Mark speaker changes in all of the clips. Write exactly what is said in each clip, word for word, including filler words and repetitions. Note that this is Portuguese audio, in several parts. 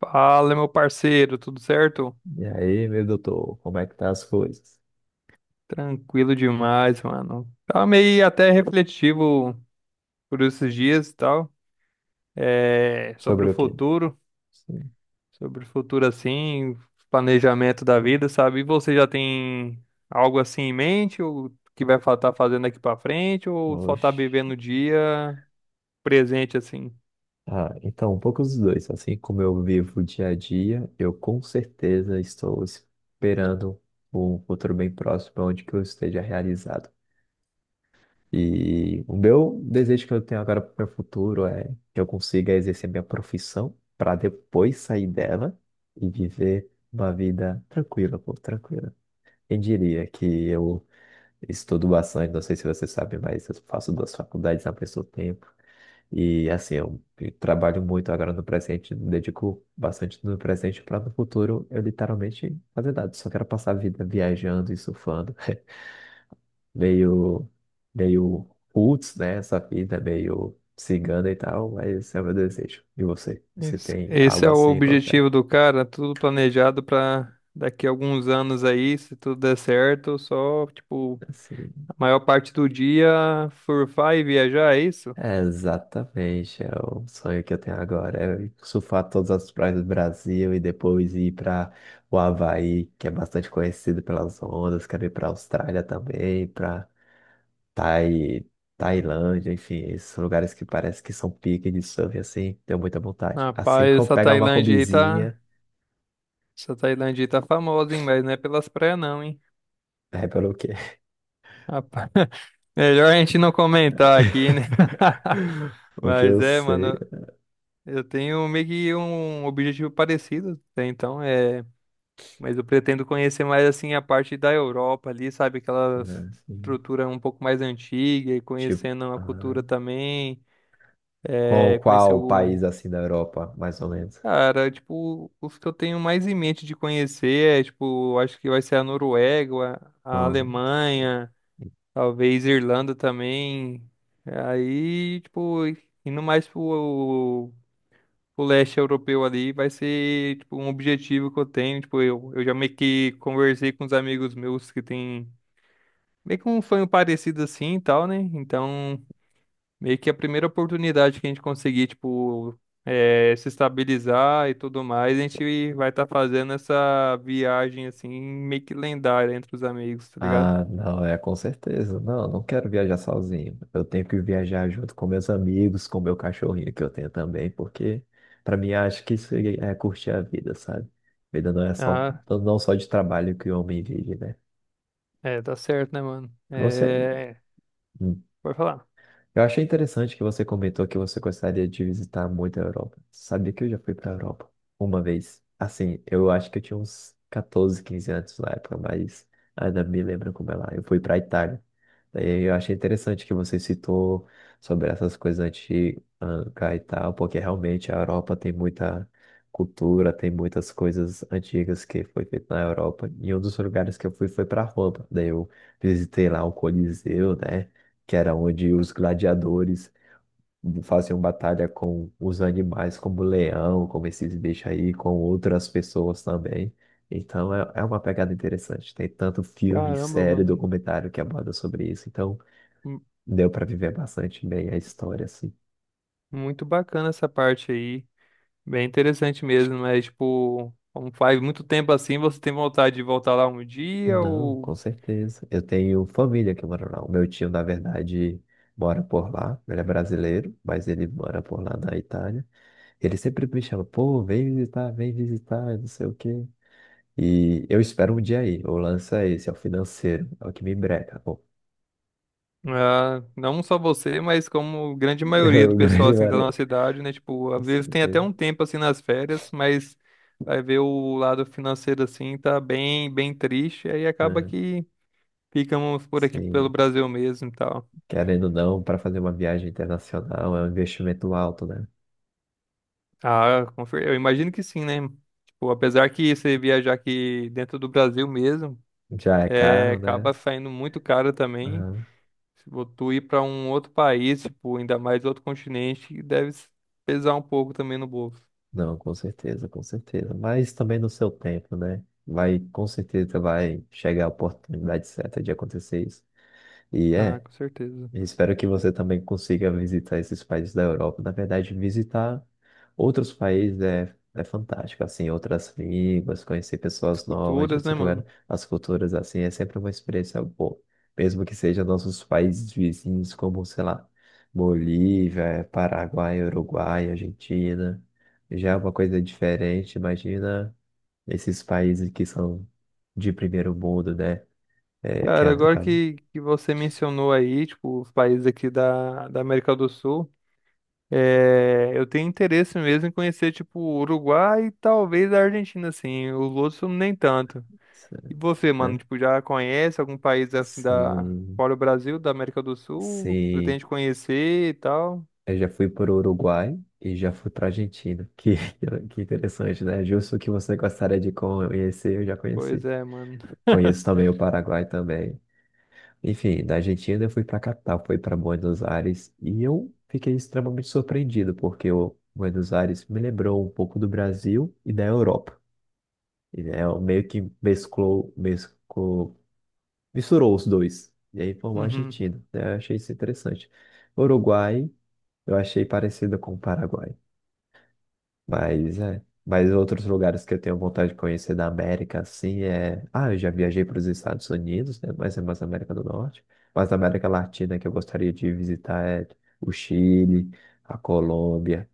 Speaker 1: Fala, meu parceiro, tudo certo?
Speaker 2: E aí, meu doutor, como é que tá as coisas?
Speaker 1: Tranquilo demais, mano. Tava meio até refletivo por esses dias e tal, é, sobre o
Speaker 2: Sobre o quê?
Speaker 1: futuro,
Speaker 2: Sim.
Speaker 1: sobre o futuro assim, planejamento da vida, sabe? E você já tem algo assim em mente, ou que vai estar fazendo aqui pra frente, ou só tá
Speaker 2: Oxe.
Speaker 1: vivendo o dia presente assim?
Speaker 2: Ah, então, um pouco dos dois. Assim como eu vivo o dia a dia, eu com certeza estou esperando um futuro bem próximo onde que eu esteja realizado. E o meu desejo que eu tenho agora para o meu futuro é que eu consiga exercer minha profissão para depois sair dela e viver uma vida tranquila, pô, tranquila. Quem diria que eu Estudo bastante, não sei se você sabe, mas eu faço duas faculdades ao mesmo tempo. E assim, eu trabalho muito agora no presente, dedico bastante no presente para no futuro eu literalmente fazer nada. Só quero passar a vida viajando e surfando. Meio, meio roots, né? Essa vida meio cigana e tal, mas esse é o meu desejo. E você? Você
Speaker 1: Esse,
Speaker 2: tem algo
Speaker 1: esse é o
Speaker 2: assim? Qual é?
Speaker 1: objetivo do cara, tudo planejado pra daqui a alguns anos aí, se tudo der certo, só tipo
Speaker 2: Assim.
Speaker 1: maior parte do dia surfar e viajar, é isso?
Speaker 2: É exatamente, é o sonho que eu tenho agora, é surfar todas as praias do Brasil e depois ir para o Havaí, que é bastante conhecido pelas ondas, quero ir para a Austrália também, para Tai... Tailândia, enfim, esses lugares que parece que são pique de surf, assim, tenho muita vontade. Assim
Speaker 1: Rapaz,
Speaker 2: que eu
Speaker 1: essa
Speaker 2: pegar uma
Speaker 1: Tailândia aí tá.
Speaker 2: combizinha,
Speaker 1: Essa Tailândia aí tá famosa, hein? Mas não é pelas praias, não, hein?
Speaker 2: é pelo quê?
Speaker 1: Rapaz, melhor a gente não comentar aqui, né?
Speaker 2: O que eu
Speaker 1: Mas é,
Speaker 2: sei,
Speaker 1: mano, eu tenho meio que um objetivo parecido, né? Então é. Mas eu pretendo conhecer mais assim a parte da Europa ali, sabe? Aquela
Speaker 2: né, assim,
Speaker 1: estrutura um pouco mais antiga e
Speaker 2: tipo,
Speaker 1: conhecendo a
Speaker 2: ah,
Speaker 1: cultura também. É,
Speaker 2: qual,
Speaker 1: conhecer
Speaker 2: qual
Speaker 1: o
Speaker 2: país assim da Europa, mais ou menos?
Speaker 1: cara, tipo, os que eu tenho mais em mente de conhecer é, tipo, acho que vai ser a Noruega, a Alemanha, talvez Irlanda também. Aí, tipo, indo mais pro, pro leste europeu ali, vai ser, tipo, um objetivo que eu tenho. Tipo, eu, eu já meio que conversei com os amigos meus que tem meio que um sonho parecido assim e tal, né? Então, meio que a primeira oportunidade que a gente conseguir, tipo, eh, se estabilizar e tudo mais, a gente vai estar fazendo essa viagem, assim, meio que lendária entre os amigos, tá ligado?
Speaker 2: Ah, não, é com certeza. Não, não quero viajar sozinho. Eu tenho que viajar junto com meus amigos, com meu cachorrinho que eu tenho também, porque para mim acho que isso é curtir a vida, sabe? Vida não é só
Speaker 1: Ah,
Speaker 2: não só de trabalho que o homem vive, né?
Speaker 1: é, tá certo, né, mano?
Speaker 2: Você
Speaker 1: É, pode falar.
Speaker 2: Eu achei interessante que você comentou que você gostaria de visitar muito a Europa. Sabia que eu já fui para a Europa uma vez. Assim, eu acho que eu tinha uns catorze, quinze anos na época, mas ainda me lembro como é lá. Eu fui para a Itália. Daí eu achei interessante que você citou sobre essas coisas antigas e tal, porque realmente a Europa tem muita cultura, tem muitas coisas antigas que foi feita na Europa. E um dos lugares que eu fui foi para Roma. Daí eu visitei lá o Coliseu, né? Que era onde os gladiadores faziam batalha com os animais, como o leão, como esses bichos aí, com outras pessoas também. Então é, é uma pegada interessante. Tem tanto filme,
Speaker 1: Caramba,
Speaker 2: série,
Speaker 1: mano,
Speaker 2: documentário que aborda sobre isso. Então
Speaker 1: mu-
Speaker 2: deu para viver bastante bem a história, assim.
Speaker 1: muito bacana essa parte aí, bem interessante mesmo, mas, tipo, como faz muito tempo assim, você tem vontade de voltar lá um dia
Speaker 2: Não,
Speaker 1: ou...
Speaker 2: com certeza. Eu tenho família que mora lá. O meu tio, na verdade, mora por lá. Ele é brasileiro, mas ele mora por lá na Itália. Ele sempre me chama, pô, vem visitar, vem visitar, não sei o quê. E eu espero um dia aí. O lance é esse, é o financeiro. É o que me breca, pô.
Speaker 1: Ah, não só você, mas como grande
Speaker 2: É
Speaker 1: maioria do
Speaker 2: o
Speaker 1: pessoal
Speaker 2: grande
Speaker 1: assim da nossa
Speaker 2: breca.
Speaker 1: cidade, né? Tipo,
Speaker 2: Com
Speaker 1: às vezes tem até
Speaker 2: certeza.
Speaker 1: um tempo assim nas férias, mas vai ver o lado financeiro assim, tá bem, bem triste, aí acaba
Speaker 2: É,
Speaker 1: que ficamos por aqui pelo
Speaker 2: sim,
Speaker 1: Brasil mesmo e tal.
Speaker 2: querendo ou não, para fazer uma viagem internacional é um investimento alto, né?
Speaker 1: Ah, confer- eu imagino que sim, né? Tipo, apesar que você viajar aqui dentro do Brasil mesmo,
Speaker 2: Já é
Speaker 1: é,
Speaker 2: caro,
Speaker 1: acaba
Speaker 2: né?
Speaker 1: saindo muito caro também.
Speaker 2: Aham.
Speaker 1: Se vo- tu ir pra um outro país, tipo, ainda mais outro continente, deve s- pesar um pouco também no bolso.
Speaker 2: Não, com certeza, com certeza. Mas também no seu tempo, né? Vai, com certeza vai chegar a oportunidade certa de acontecer isso. E
Speaker 1: Ah,
Speaker 2: é.
Speaker 1: com certeza.
Speaker 2: E espero que você também consiga visitar esses países da Europa. Na verdade, visitar outros países é, é fantástico, assim, outras línguas, conhecer
Speaker 1: As
Speaker 2: pessoas novas de
Speaker 1: culturas,
Speaker 2: outros
Speaker 1: né,
Speaker 2: lugares,
Speaker 1: mano?
Speaker 2: as culturas, assim, é sempre uma experiência boa. Mesmo que sejam nossos países vizinhos, como, sei lá, Bolívia, Paraguai, Uruguai, Argentina, já é uma coisa diferente. Imagina esses países que são de primeiro mundo, né? É, que
Speaker 1: Cara,
Speaker 2: é, no
Speaker 1: agora
Speaker 2: caso,
Speaker 1: que, que você mencionou aí, tipo, os países aqui da, da América do Sul, é, eu tenho interesse mesmo em conhecer, tipo, o Uruguai e talvez a Argentina, assim. Os outros nem tanto. E você, mano,
Speaker 2: né?
Speaker 1: tipo, já conhece algum país, assim, da,
Speaker 2: Sim.
Speaker 1: fora o Brasil, da América do Sul?
Speaker 2: Sim,
Speaker 1: Pretende conhecer e tal?
Speaker 2: eu já fui para o Uruguai e já fui para a Argentina. Que, que interessante, né? Justo o que você gostaria de conhecer, eu já
Speaker 1: Pois
Speaker 2: conheci.
Speaker 1: é, mano.
Speaker 2: Conheço também o Paraguai também. Enfim, da Argentina eu fui para a capital, fui para Buenos Aires e eu fiquei extremamente surpreendido porque o Buenos Aires me lembrou um pouco do Brasil e da Europa. E né, eu meio que mesclou, mesclou, misturou os dois. E aí formou a
Speaker 1: Uhum.
Speaker 2: Argentina, né? Eu achei isso interessante. Uruguai. Eu achei parecida com o Paraguai. Mas é. Mas outros lugares que eu tenho vontade de conhecer da América, assim, é. Ah, eu já viajei para os Estados Unidos, né? Mas é mais América do Norte. Mas a América Latina que eu gostaria de visitar é o Chile, a Colômbia,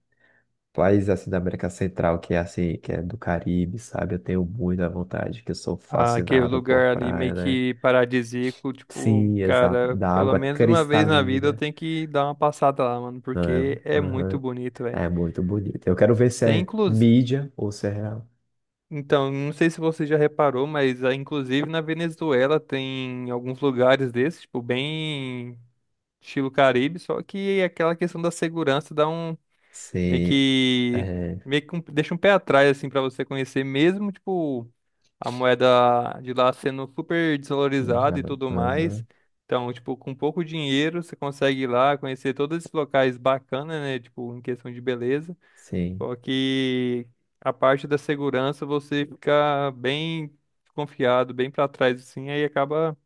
Speaker 2: países assim da América Central, que é assim, que é do Caribe, sabe? Eu tenho muita vontade, que eu sou
Speaker 1: Ah, aquele
Speaker 2: fascinado por
Speaker 1: lugar ali meio
Speaker 2: praia, né?
Speaker 1: que paradisíaco, tipo,
Speaker 2: Sim, exato.
Speaker 1: cara,
Speaker 2: Da
Speaker 1: pelo
Speaker 2: água
Speaker 1: menos uma vez na vida eu
Speaker 2: cristalina.
Speaker 1: tenho que dar uma passada lá, mano, porque é muito
Speaker 2: Aham.
Speaker 1: bonito, velho.
Speaker 2: É muito bonito. Eu quero ver se
Speaker 1: Tem
Speaker 2: é
Speaker 1: inclusive,
Speaker 2: mídia ou se é real.
Speaker 1: então, não sei se você já reparou, mas ah, inclusive na Venezuela tem alguns lugares desses, tipo, bem estilo Caribe, só que é aquela questão da segurança dá um meio
Speaker 2: Sei,
Speaker 1: que.
Speaker 2: é,
Speaker 1: Meio que um- deixa um pé atrás, assim, pra você conhecer, mesmo, tipo, a moeda de lá sendo super desvalorizada e
Speaker 2: Venezuela,
Speaker 1: tudo mais.
Speaker 2: aham,
Speaker 1: Então, tipo, com pouco dinheiro, você consegue ir lá conhecer todos esses locais bacanas, né? Tipo, em questão de beleza.
Speaker 2: sim,
Speaker 1: Só que a parte da segurança você fica bem confiado, bem pra trás, assim, aí acaba,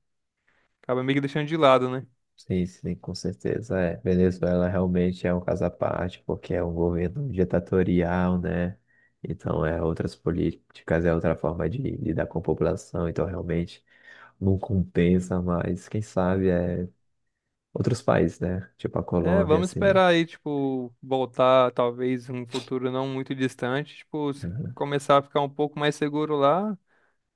Speaker 1: acaba meio que deixando de lado, né?
Speaker 2: sim, sim, com certeza, é, Venezuela realmente é um caso à parte, porque é um governo ditatorial, né, então é outras políticas, é outra forma de lidar com a população, então realmente não compensa, mas quem sabe é outros países, né, tipo a
Speaker 1: É,
Speaker 2: Colômbia,
Speaker 1: vamos
Speaker 2: assim,
Speaker 1: esperar aí, tipo, voltar talvez um futuro não muito distante, tipo, se
Speaker 2: aham.
Speaker 1: começar a ficar um pouco mais seguro lá,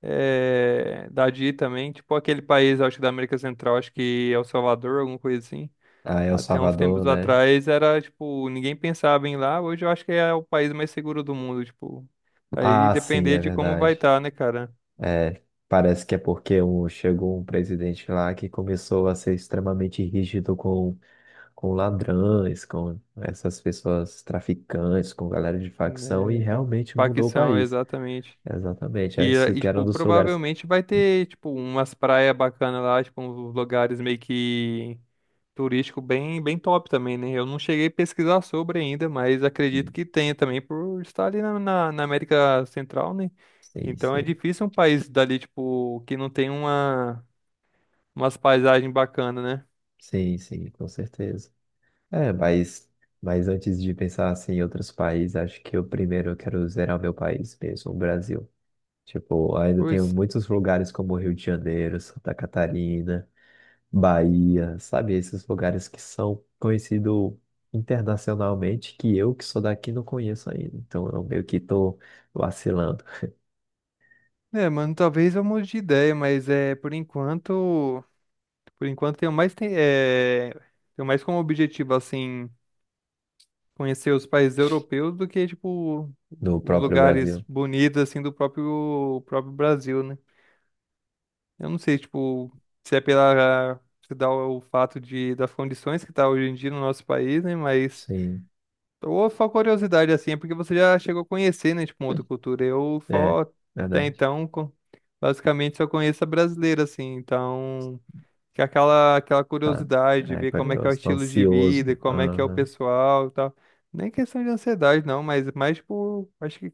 Speaker 1: é, da D I também, tipo aquele país, acho que da América Central, acho que El Salvador, alguma coisa assim.
Speaker 2: Ah, El
Speaker 1: Até uns
Speaker 2: Salvador,
Speaker 1: tempos
Speaker 2: né,
Speaker 1: atrás era, tipo, ninguém pensava em ir lá, hoje eu acho que é o país mais seguro do mundo, tipo, aí
Speaker 2: ah, sim,
Speaker 1: depender
Speaker 2: é
Speaker 1: de como vai
Speaker 2: verdade,
Speaker 1: estar, né, cara?
Speaker 2: é, parece que é porque um, chegou um presidente lá que começou a ser extremamente rígido com, com ladrões, com essas pessoas traficantes, com galera de facção, e
Speaker 1: É,
Speaker 2: realmente mudou o
Speaker 1: Paquistão,
Speaker 2: país.
Speaker 1: exatamente.
Speaker 2: Exatamente.
Speaker 1: E,
Speaker 2: Antes
Speaker 1: eh,
Speaker 2: o
Speaker 1: e,
Speaker 2: que era um
Speaker 1: tipo,
Speaker 2: dos lugares.
Speaker 1: provavelmente vai ter, tipo, umas praias bacanas lá, tipo, uns lugares meio que turístico bem, bem top também, né? Eu não cheguei a pesquisar sobre ainda, mas acredito
Speaker 2: Sim,
Speaker 1: que tenha também por estar ali na, na, na América Central, né?
Speaker 2: sim,
Speaker 1: Então é
Speaker 2: sim,
Speaker 1: difícil um país dali, tipo, que não tem uma, umas paisagens bacanas, né?
Speaker 2: sim, sim, com certeza. É, mas, mas antes de pensar assim, em outros países, acho que eu primeiro quero zerar meu país mesmo, o Brasil. Tipo, ainda tenho
Speaker 1: Pois.
Speaker 2: muitos lugares como Rio de Janeiro, Santa Catarina. Bahia, sabe? Esses lugares que são conhecidos internacionalmente, que eu que sou daqui não conheço ainda. Então eu meio que tô vacilando
Speaker 1: É, mano, talvez eu mude de ideia, mas é, por enquanto, por enquanto tenho mais, tem, é, tenho mais como objetivo, assim, conhecer os países europeus do que, tipo,
Speaker 2: no
Speaker 1: os
Speaker 2: próprio Brasil.
Speaker 1: lugares bonitos, assim, do próprio, próprio Brasil, né? Eu não sei, tipo, se é pela, se dá o fato de, das condições que tá hoje em dia no nosso país, né? Mas,
Speaker 2: Sim,
Speaker 1: ou só curiosidade, assim, é porque você já chegou a conhecer, né, tipo, uma outra cultura. Eu
Speaker 2: é,
Speaker 1: só, até
Speaker 2: verdade.
Speaker 1: então, co- basicamente só conheço a brasileira, assim, então que é aquela, aquela
Speaker 2: Tá.
Speaker 1: curiosidade, de
Speaker 2: É
Speaker 1: ver como é que é o
Speaker 2: curioso, tô
Speaker 1: estilo de vida,
Speaker 2: ansioso.
Speaker 1: como é que é o
Speaker 2: Aham.
Speaker 1: pessoal e tal. Nem questão de ansiedade, não, mas mais, tipo, acho que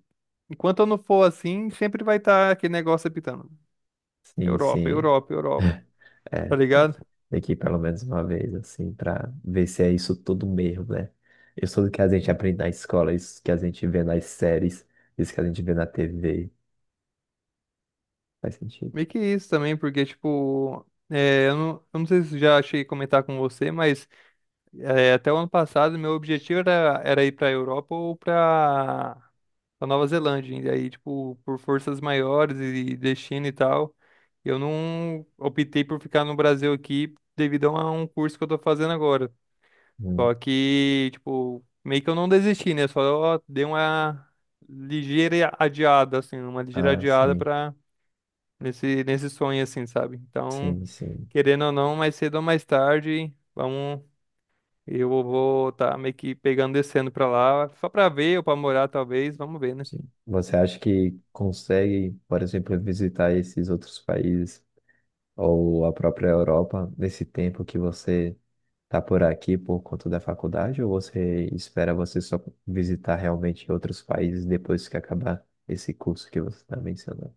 Speaker 1: enquanto eu não for assim, sempre vai estar aquele negócio apitando.
Speaker 2: Sim,
Speaker 1: Europa,
Speaker 2: sim.
Speaker 1: Europa, Europa,
Speaker 2: É,
Speaker 1: tá
Speaker 2: tem,
Speaker 1: ligado?
Speaker 2: tem que ir pelo menos uma vez, assim, pra ver se é isso tudo mesmo, né? Isso tudo que a gente aprende na escola, isso que a gente vê nas séries, isso que a gente vê na T V. Faz sentido.
Speaker 1: Meio que isso também, porque, tipo, é, eu não, eu não sei se já cheguei a comentar com você, mas é, até o ano passado meu objetivo era, era ir pra Europa ou pra da Nova Zelândia. E aí, tipo, por forças maiores e destino e tal, eu não optei por ficar no Brasil aqui devido a um curso que eu tô fazendo agora.
Speaker 2: Hum.
Speaker 1: Só que, tipo, meio que eu não desisti, né? Só dei uma ligeira adiada, assim, uma ligeira
Speaker 2: Ah,
Speaker 1: adiada
Speaker 2: sim.
Speaker 1: pra nesse, nesse sonho, assim, sabe? Então,
Speaker 2: Sim, sim,
Speaker 1: querendo ou não, mais cedo ou mais tarde, vamos. Eu vou estar meio que pegando, descendo pra lá, só pra ver ou pra morar, talvez, vamos ver, né?
Speaker 2: sim. Você acha que consegue, por exemplo, visitar esses outros países ou a própria Europa nesse tempo que você está por aqui por conta da faculdade, ou você espera você só visitar realmente outros países depois que acabar esse curso que você está mencionando?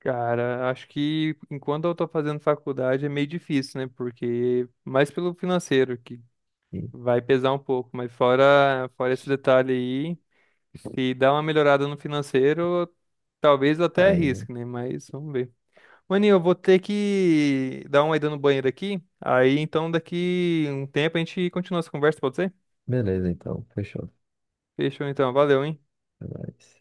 Speaker 1: Cara, acho que enquanto eu tô fazendo faculdade é meio difícil, né? Porque mais pelo financeiro que
Speaker 2: E
Speaker 1: vai pesar um pouco, mas fora fora esse detalhe aí, se dá uma melhorada no financeiro, talvez eu
Speaker 2: tá
Speaker 1: até
Speaker 2: aí, né?
Speaker 1: arrisque, né? Mas vamos ver. Maninho, eu vou ter que dar uma ida no banheiro aqui. Aí então daqui um tempo a gente continua essa conversa, pode ser?
Speaker 2: Beleza, então, fechou.
Speaker 1: Fechou então, valeu, hein?
Speaker 2: Até mais.